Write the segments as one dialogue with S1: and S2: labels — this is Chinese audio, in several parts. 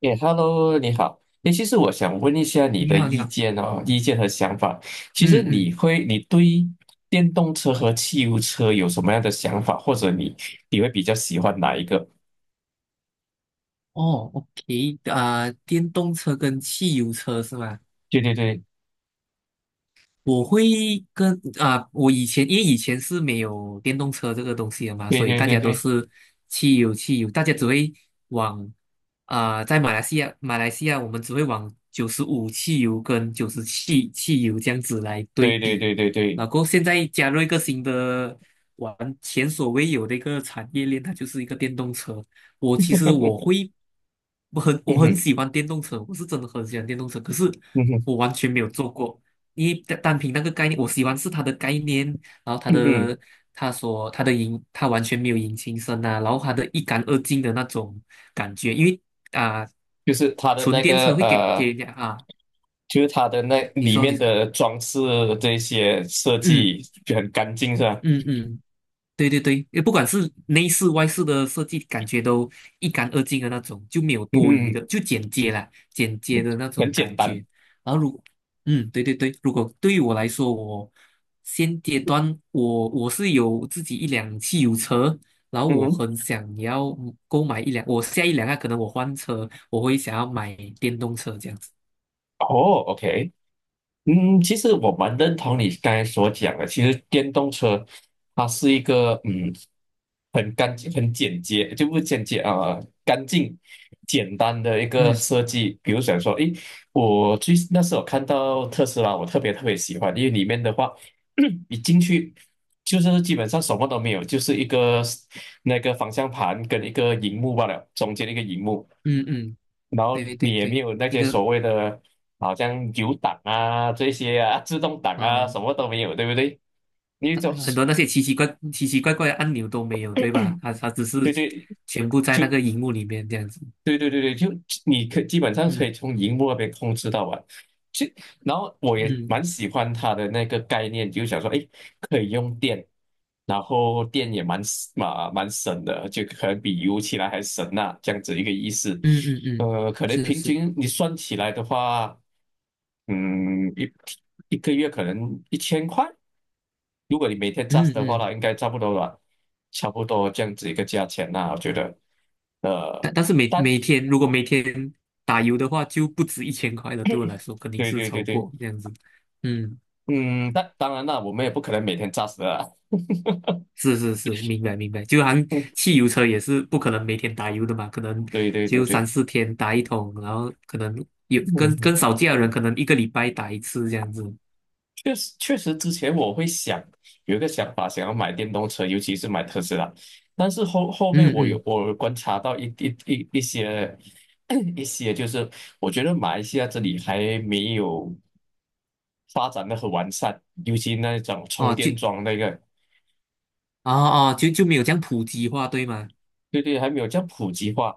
S1: 哎，Hello，你好。哎，其实我想问一下你
S2: 你
S1: 的
S2: 好，你
S1: 意
S2: 好。
S1: 见哦，意见和想法。其实
S2: 嗯嗯，
S1: 你对电动车和汽油车有什么样的想法，或者你会比较喜欢哪一个？
S2: 哦，OK。电动车跟汽油车是吗？
S1: 对对对
S2: 我会跟啊、我以前，以前是没有电动车这个东西的嘛，
S1: 对
S2: 所以
S1: 对
S2: 大
S1: 对
S2: 家都
S1: 对
S2: 是汽油，大家只会往在马来西亚我们只会往95汽油跟97汽油这样子来对
S1: 对对
S2: 比。
S1: 对对对，
S2: 然后现在加入一个新的玩前所未有的一个产业链，它就是一个电动车。我其实我 会，我很
S1: 嗯
S2: 我很
S1: 哼
S2: 喜欢电动车，我是真的很喜欢电动车，可是
S1: 嗯哼
S2: 我完全没有做过。单凭那个概念，我喜欢是他的概念。然后他
S1: 嗯哼，
S2: 的他所他的引他完全没有引擎声呐，然后他的一干二净的那种感觉。因为啊、
S1: 就是它的
S2: 纯
S1: 那
S2: 电
S1: 个
S2: 车会给人家啊。
S1: 就是它的那
S2: 你你
S1: 里
S2: 说你
S1: 面
S2: 说，
S1: 的装饰这些设
S2: 嗯
S1: 计就很干净是吧？
S2: 嗯嗯，对对对。也不管是内饰外饰的设计，感觉都一干二净的那种，就没有
S1: 嗯
S2: 多余的，
S1: 哼，
S2: 就简洁啦，简洁的那
S1: 很
S2: 种
S1: 简
S2: 感
S1: 单。
S2: 觉。然后如，嗯，对对对。如果对于我来说，我现阶段我是有自己一辆汽油车，然后
S1: 嗯
S2: 我
S1: 哼，
S2: 很想要购买一辆。我下一辆啊，可能我换车，我会想要买电动车这样子。
S1: 哦，OK，嗯，其实我蛮认同你刚才所讲的。其实电动车它是一个嗯，很干净、很简洁，就不是简洁啊、干净、简单的一个
S2: 嗯
S1: 设计。比如想说，诶，我最那时候看到特斯拉，我特别特别喜欢，因为里面的话，你进去就是基本上什么都没有，就是一个那个方向盘跟一个荧幕罢了，中间一个荧幕。
S2: 嗯嗯，
S1: 然后
S2: 对对
S1: 你也没
S2: 对。
S1: 有那
S2: 一
S1: 些
S2: 个
S1: 所谓的，好像有档啊这些啊，自动挡啊，什
S2: 啊。
S1: 么都没有，对不对？你就
S2: 很
S1: 是
S2: 多那些奇奇怪怪的按钮都没有，对吧？它只是
S1: 对对，
S2: 全部在
S1: 就
S2: 那个荧幕里面这样子。
S1: 对对对对，就你可基本上可
S2: 嗯
S1: 以从荧幕那边控制到啊。就然后我也
S2: 嗯
S1: 蛮喜欢它的那个概念，就想说，哎，可以用电，然后电也蛮省的，就可能比油起来还省呐、这样子一个意思。
S2: 嗯嗯嗯，
S1: 呃，可能
S2: 是
S1: 平
S2: 是，嗯
S1: 均你算起来的话。嗯，一个月可能1000块，如果你每天 j u
S2: 嗯嗯嗯嗯嗯
S1: 的话
S2: 嗯
S1: 啦，
S2: 嗯。
S1: 应该差不多吧，差不多这样子一个价钱啦，我觉得，呃，
S2: 但是每
S1: 但
S2: 每天如果每天打油的话，就不止1000块了。对我来说，肯定
S1: 对
S2: 是
S1: 对对
S2: 超
S1: 对，
S2: 过这样子。嗯，
S1: 嗯，但当然啦，我们也不可能每天 just 的啦，
S2: 是是是，明白明白。就好像汽油车也是不可能每天打油的嘛，可能
S1: 对对对
S2: 就三
S1: 对，
S2: 四天打一桶，然后可能有跟
S1: 嗯
S2: 跟少见的人，可能一个礼拜打一次这样子。
S1: 确实，确实，之前我会想有一个想法，想要买电动车，尤其是买特斯拉。但是后面
S2: 嗯
S1: 我有
S2: 嗯。
S1: 我有观察到一些 一些，就是我觉得马来西亚这里还没有发展的很完善，尤其那种充
S2: 哦，
S1: 电
S2: 就
S1: 桩那个。
S2: 哦哦，就没有这样普及化，对吗？
S1: 对对，还没有这样普及化。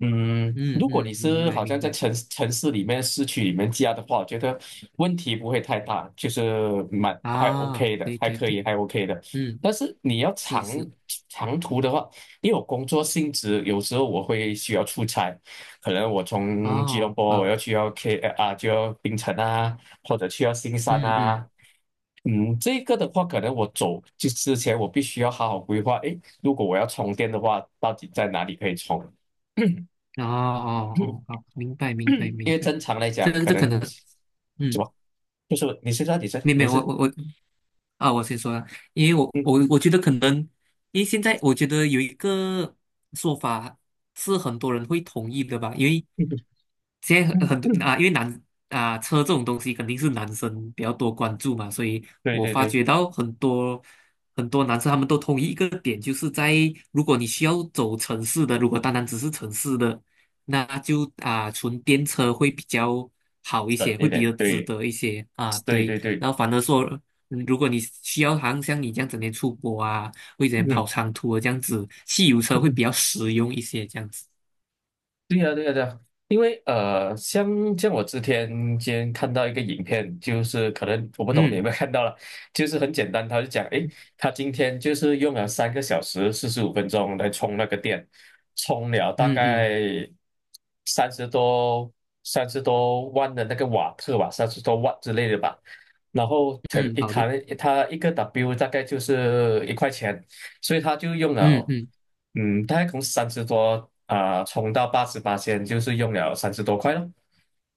S1: 嗯，
S2: 嗯
S1: 如果你
S2: 嗯，明
S1: 是
S2: 白
S1: 好
S2: 明
S1: 像在
S2: 白。
S1: 城市里面、市区里面加的话，我觉得问题不会太大，就是蛮还
S2: 啊，
S1: OK 的，
S2: 对
S1: 还
S2: 对
S1: 可以，
S2: 对。
S1: 还 OK 的。
S2: 嗯，
S1: 但是你要
S2: 是
S1: 长
S2: 是，
S1: 长途的话，因为我工作性质，有时候我会需要出差，可能我从吉隆
S2: 哦
S1: 坡我
S2: 好，
S1: 要去到 K 啊，就要槟城啊，或者去到新山
S2: 嗯嗯，
S1: 啊。嗯，这个的话，可能我走就之前，我必须要好好规划。诶，如果我要充电的话，到底在哪里可以充？
S2: 哦哦哦，好，明白明白
S1: 因
S2: 明
S1: 为
S2: 白。
S1: 正常来讲，
S2: 这
S1: 可
S2: 这可
S1: 能
S2: 能，
S1: 怎
S2: 嗯。
S1: 么就是你先说，你先
S2: 没有没
S1: 没
S2: 有。
S1: 事。
S2: 我先说啊。因为我
S1: 嗯
S2: 我我觉得可能，因为现在我觉得有一个说法是很多人会同意的吧。因为
S1: 嗯
S2: 现在很多
S1: 嗯，
S2: 啊，因为男啊车这种东西肯定是男生比较多关注嘛，所以
S1: 对
S2: 我
S1: 对
S2: 发
S1: 对，
S2: 觉到很多很多男生他们都同意一个点，就是如果你需要走城市的，如果单单只是城市的，那就啊纯电车会比较好一
S1: 省
S2: 些，
S1: 一
S2: 会比
S1: 点，
S2: 较值
S1: 对
S2: 得一些啊，
S1: 对
S2: 对。
S1: 对对，
S2: 然后反而说，嗯，如果你需要好像像你这样整天出国啊，或者整天跑
S1: 嗯。
S2: 长途的这样子，汽油车会比较实用一些这样子。
S1: 对呀，对呀，对呀，因为像我之前今天看到一个影片，就是可能我不懂你有
S2: 嗯
S1: 没有看到了，就是很简单，他就讲，诶，他今天就是用了3个小时45分钟来充那个电，充了大
S2: 嗯
S1: 概
S2: 嗯
S1: 三十多三十多万的那个瓦特吧，三十多万之类的吧，然后可
S2: 嗯，
S1: 一
S2: 好的。
S1: 谈他一个 W 大概就是一块钱，所以他就用
S2: 嗯
S1: 了，
S2: 嗯。
S1: 嗯，大概从三十多啊、充到88仙，就是用了30多块咯。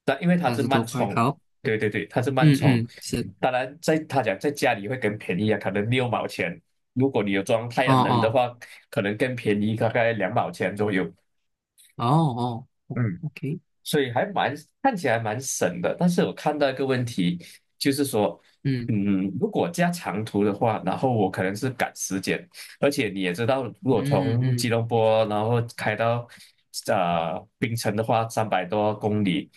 S1: 但因为它
S2: 三
S1: 是
S2: 十多
S1: 慢
S2: 块，
S1: 充，
S2: 好。
S1: 对对对，它是慢
S2: 嗯
S1: 充。
S2: 嗯是，
S1: 当然在，他讲在家里会更便宜啊，可能6毛钱。如果你有装太
S2: 哦
S1: 阳能的
S2: 哦
S1: 话，可能更便宜，大概2毛钱左右。
S2: 哦哦
S1: 嗯，
S2: ，OK。
S1: 所以还蛮看起来蛮省的。但是我看到一个问题，就是说，
S2: 嗯
S1: 嗯，如果加长途的话，然后我可能是赶时间，而且你也知道，如果
S2: 嗯
S1: 从吉
S2: 嗯
S1: 隆坡然后开到槟城的话，300多公里，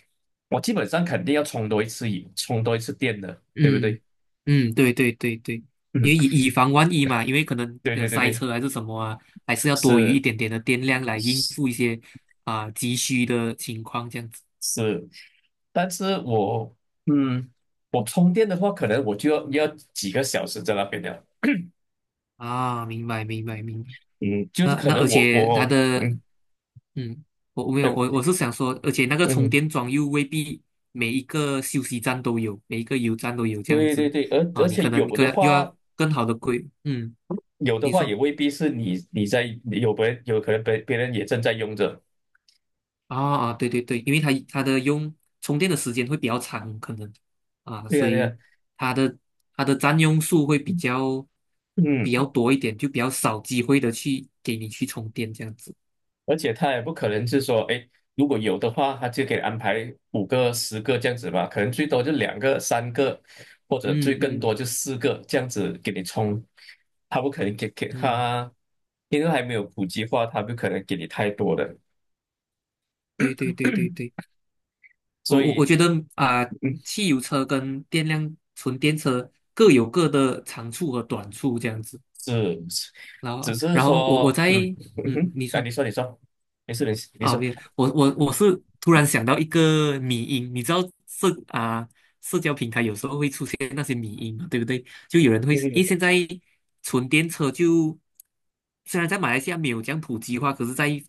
S1: 我基本上肯定要充多一次油，充多一次电的，对不
S2: 嗯
S1: 对？
S2: 嗯，对对对对。因
S1: 嗯，
S2: 为以以防万一嘛，因为可能
S1: 对
S2: 有
S1: 对对
S2: 塞
S1: 对，
S2: 车还是什么啊，还是要多余一
S1: 是
S2: 点点的电量来应
S1: 是，
S2: 付一些急需的情况这样子。
S1: 是但是嗯，我充电的话，可能我就要要几个小时在那边了。
S2: 啊，明白明白明白。
S1: 嗯，就是
S2: 那
S1: 可
S2: 那而
S1: 能我
S2: 且它
S1: 我
S2: 的，
S1: 嗯
S2: 嗯，我我没有我
S1: 对
S2: 我是想说，而且那个充
S1: 嗯
S2: 电桩又未必每一个休息站都有，每一个油站都有这样
S1: 对对
S2: 子。
S1: 对，而
S2: 啊，你
S1: 且
S2: 可能
S1: 有
S2: 更
S1: 的
S2: 又要
S1: 话
S2: 更好的规。嗯，
S1: 有的
S2: 你
S1: 话也
S2: 说。
S1: 未必是你你在有别人有可能别人也正在用着，
S2: 啊啊，对对对。因为它的用充电的时间会比较长，可能啊，
S1: 对
S2: 所
S1: 呀对
S2: 以
S1: 呀，
S2: 它的它的占用数会比较
S1: 嗯，
S2: 多一点，就比较少机会的去给你去充电这样子。
S1: 而且他也不可能是说，哎，如果有的话，他就给安排5个10个这样子吧，可能最多就2个3个，或者
S2: 嗯
S1: 最更多
S2: 嗯
S1: 就4个这样子给你充，他不可能给给
S2: 嗯，
S1: 他，因为还没有普及化，他不可能给你太多的，
S2: 对对对对对。我
S1: 所
S2: 我我
S1: 以。
S2: 觉得啊、
S1: 嗯
S2: 汽油车跟纯电车各有各的长处和短处这样子。
S1: 是，
S2: 然后，
S1: 只是
S2: 然后我
S1: 说，
S2: 在，
S1: 嗯，嗯
S2: 嗯，
S1: 哼，
S2: 你
S1: 来，
S2: 说。
S1: 你说，你说，没事，没事，你
S2: 啊，
S1: 说，
S2: 没有，我是突然想到一个迷音。你知道社啊、社交平台有时候会出现那些迷音嘛，对不对？就有人会，因为
S1: 嗯，
S2: 现在纯电车就虽然在马来西亚没有这样普及化，可是在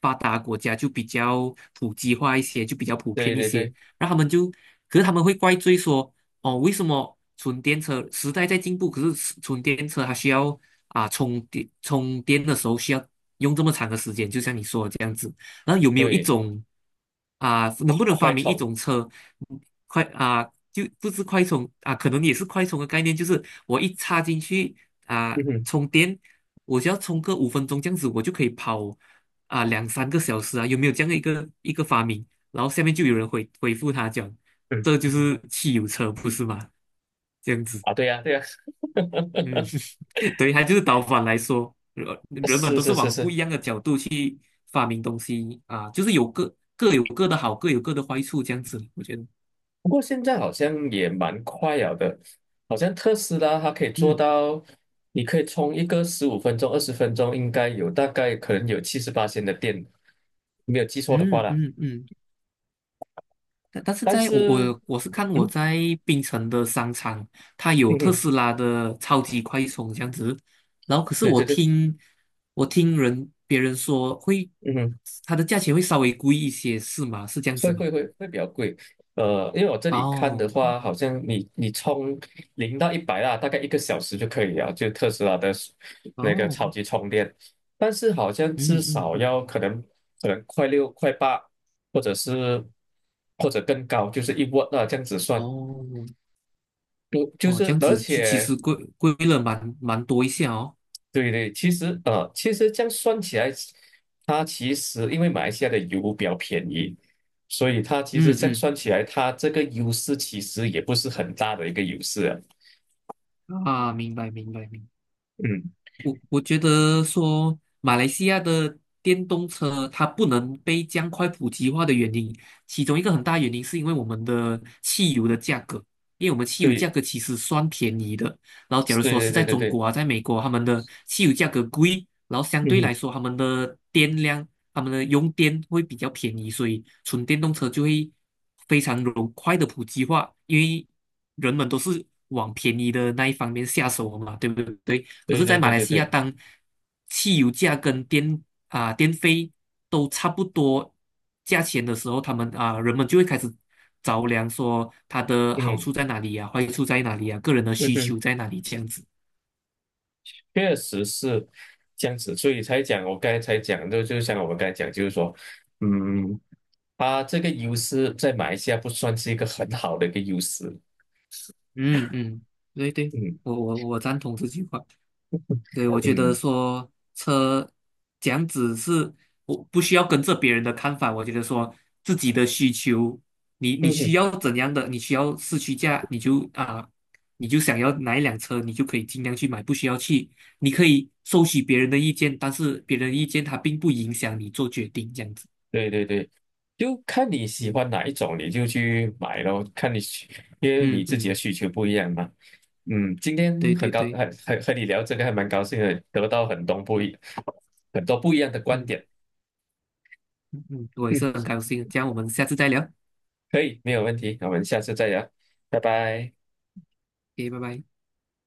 S2: 发达国家就比较普及化一些，就比较普
S1: 对
S2: 遍一
S1: 对
S2: 些。
S1: 对
S2: 然后他们就，可是他们会怪罪说，哦，为什么纯电车时代在进步，可是纯电车它需要充电的时候需要用这么长的时间，就像你说的这样子。然后有没有一
S1: 对，
S2: 种能不能发
S1: 快
S2: 明一
S1: 充，
S2: 种车。嗯快啊、就不是快充啊、可能也是快充的概念，就是我一插进去啊、
S1: 嗯哼，
S2: 充电，我只要充个5分钟这样子，我就可以跑两三个小时啊，有没有这样的一个发明？然后下面就有人回复他讲，这
S1: 嗯，
S2: 就是汽油车，不是吗？这样子，
S1: 啊，对呀、对呀、
S2: 嗯 对。它就是导反来说，人们
S1: 是
S2: 都是
S1: 是是
S2: 往不
S1: 是，
S2: 一样的角度去发明东西啊，就是有各有各的好，各有各的坏处，这样子，我觉得。
S1: 不过现在好像也蛮快了的，好像特斯拉它可以做
S2: 嗯
S1: 到，你可以充一个15分钟、20分钟，应该有大概可能有78的电，没有记错的话
S2: 嗯
S1: 啦。
S2: 嗯嗯。但但是
S1: 但
S2: 在我
S1: 是，
S2: 我我是看我
S1: 嗯
S2: 在槟城的商场，它
S1: 嗯
S2: 有特
S1: 哼，
S2: 斯拉的超级快充这样子。然后可是
S1: 对
S2: 我
S1: 对对，
S2: 听我听人别人说会，
S1: 嗯哼。
S2: 它的价钱会稍微贵一些，是吗？是这样子
S1: 会
S2: 吗？
S1: 会会会比较贵，呃，因为我这里看的
S2: 哦
S1: 话，好像你充0到100啊，大概一个小时就可以了，就特斯拉的那个
S2: 哦，
S1: 超级充电，但是好像至
S2: 嗯嗯
S1: 少
S2: 嗯，
S1: 要可能快六快八，或者是或者更高，就是一瓦那这样子算，
S2: 哦。哦，这样
S1: 而
S2: 子其其
S1: 且
S2: 实贵了蛮多一下哦。
S1: 对对，其实其实这样算起来，它其实因为马来西亚的油比较便宜，所以它其实这样
S2: 嗯
S1: 算起来，它这个优势其实也不是很大的一个优势啊。
S2: 嗯，啊，明白明白明白。
S1: 嗯，
S2: 我觉得说，马来西亚的电动车它不能被这样快普及化的原因，其中一个很大原因是因为我们的汽油的价格，因为我们汽油价
S1: 对，
S2: 格其实算便宜的。然后假如
S1: 对
S2: 说是在
S1: 对对对
S2: 中
S1: 对，
S2: 国啊，在美国，他们的汽油价格贵，然后相
S1: 嗯
S2: 对来
S1: 哼，
S2: 说他们的电量、他们的用电会比较便宜，所以纯电动车就会非常容快的普及化，因为人们都是往便宜的那一方面下手嘛，对不对？可
S1: 对
S2: 是，
S1: 对
S2: 在马
S1: 对
S2: 来
S1: 对
S2: 西亚，
S1: 对，
S2: 当汽油价跟电费都差不多价钱的时候，他们啊、人们就会开始着凉，说它的好
S1: 嗯
S2: 处在哪里呀、坏处在哪里呀、个人的
S1: 嗯
S2: 需
S1: 哼，
S2: 求在哪里这样子。
S1: 确实是这样子，所以才讲我刚才才讲，就像我们刚才讲，就是说，嗯，它这个优势在马来西亚不算是一个很好的一个优势。
S2: 嗯嗯，对对，
S1: 嗯
S2: 我赞同这句话。对，我觉得
S1: 嗯
S2: 说车这样子是，我不需要跟着别人的看法。我觉得说自己的需求，你你
S1: 嗯
S2: 需
S1: 哼。
S2: 要怎样的，你需要市区价，你就想要哪一辆车，你就可以尽量去买，不需要去。你可以收取别人的意见，但是别人的意见它并不影响你做决定，这样子。
S1: 对对对，就看你喜
S2: 嗯
S1: 欢哪一种，你就去买咯。看你需因为你
S2: 嗯
S1: 自己的
S2: 嗯，
S1: 需求不一样嘛。嗯，今天
S2: 对
S1: 很
S2: 对
S1: 高，
S2: 对。
S1: 很很和你聊这个还蛮高兴的，得到很多不一样的观
S2: 嗯
S1: 点。
S2: 嗯，我也
S1: 嗯，
S2: 是很高兴，这样我们下次再聊
S1: 可以，没有问题，那我们下次再聊，拜拜。
S2: ，OK，拜拜。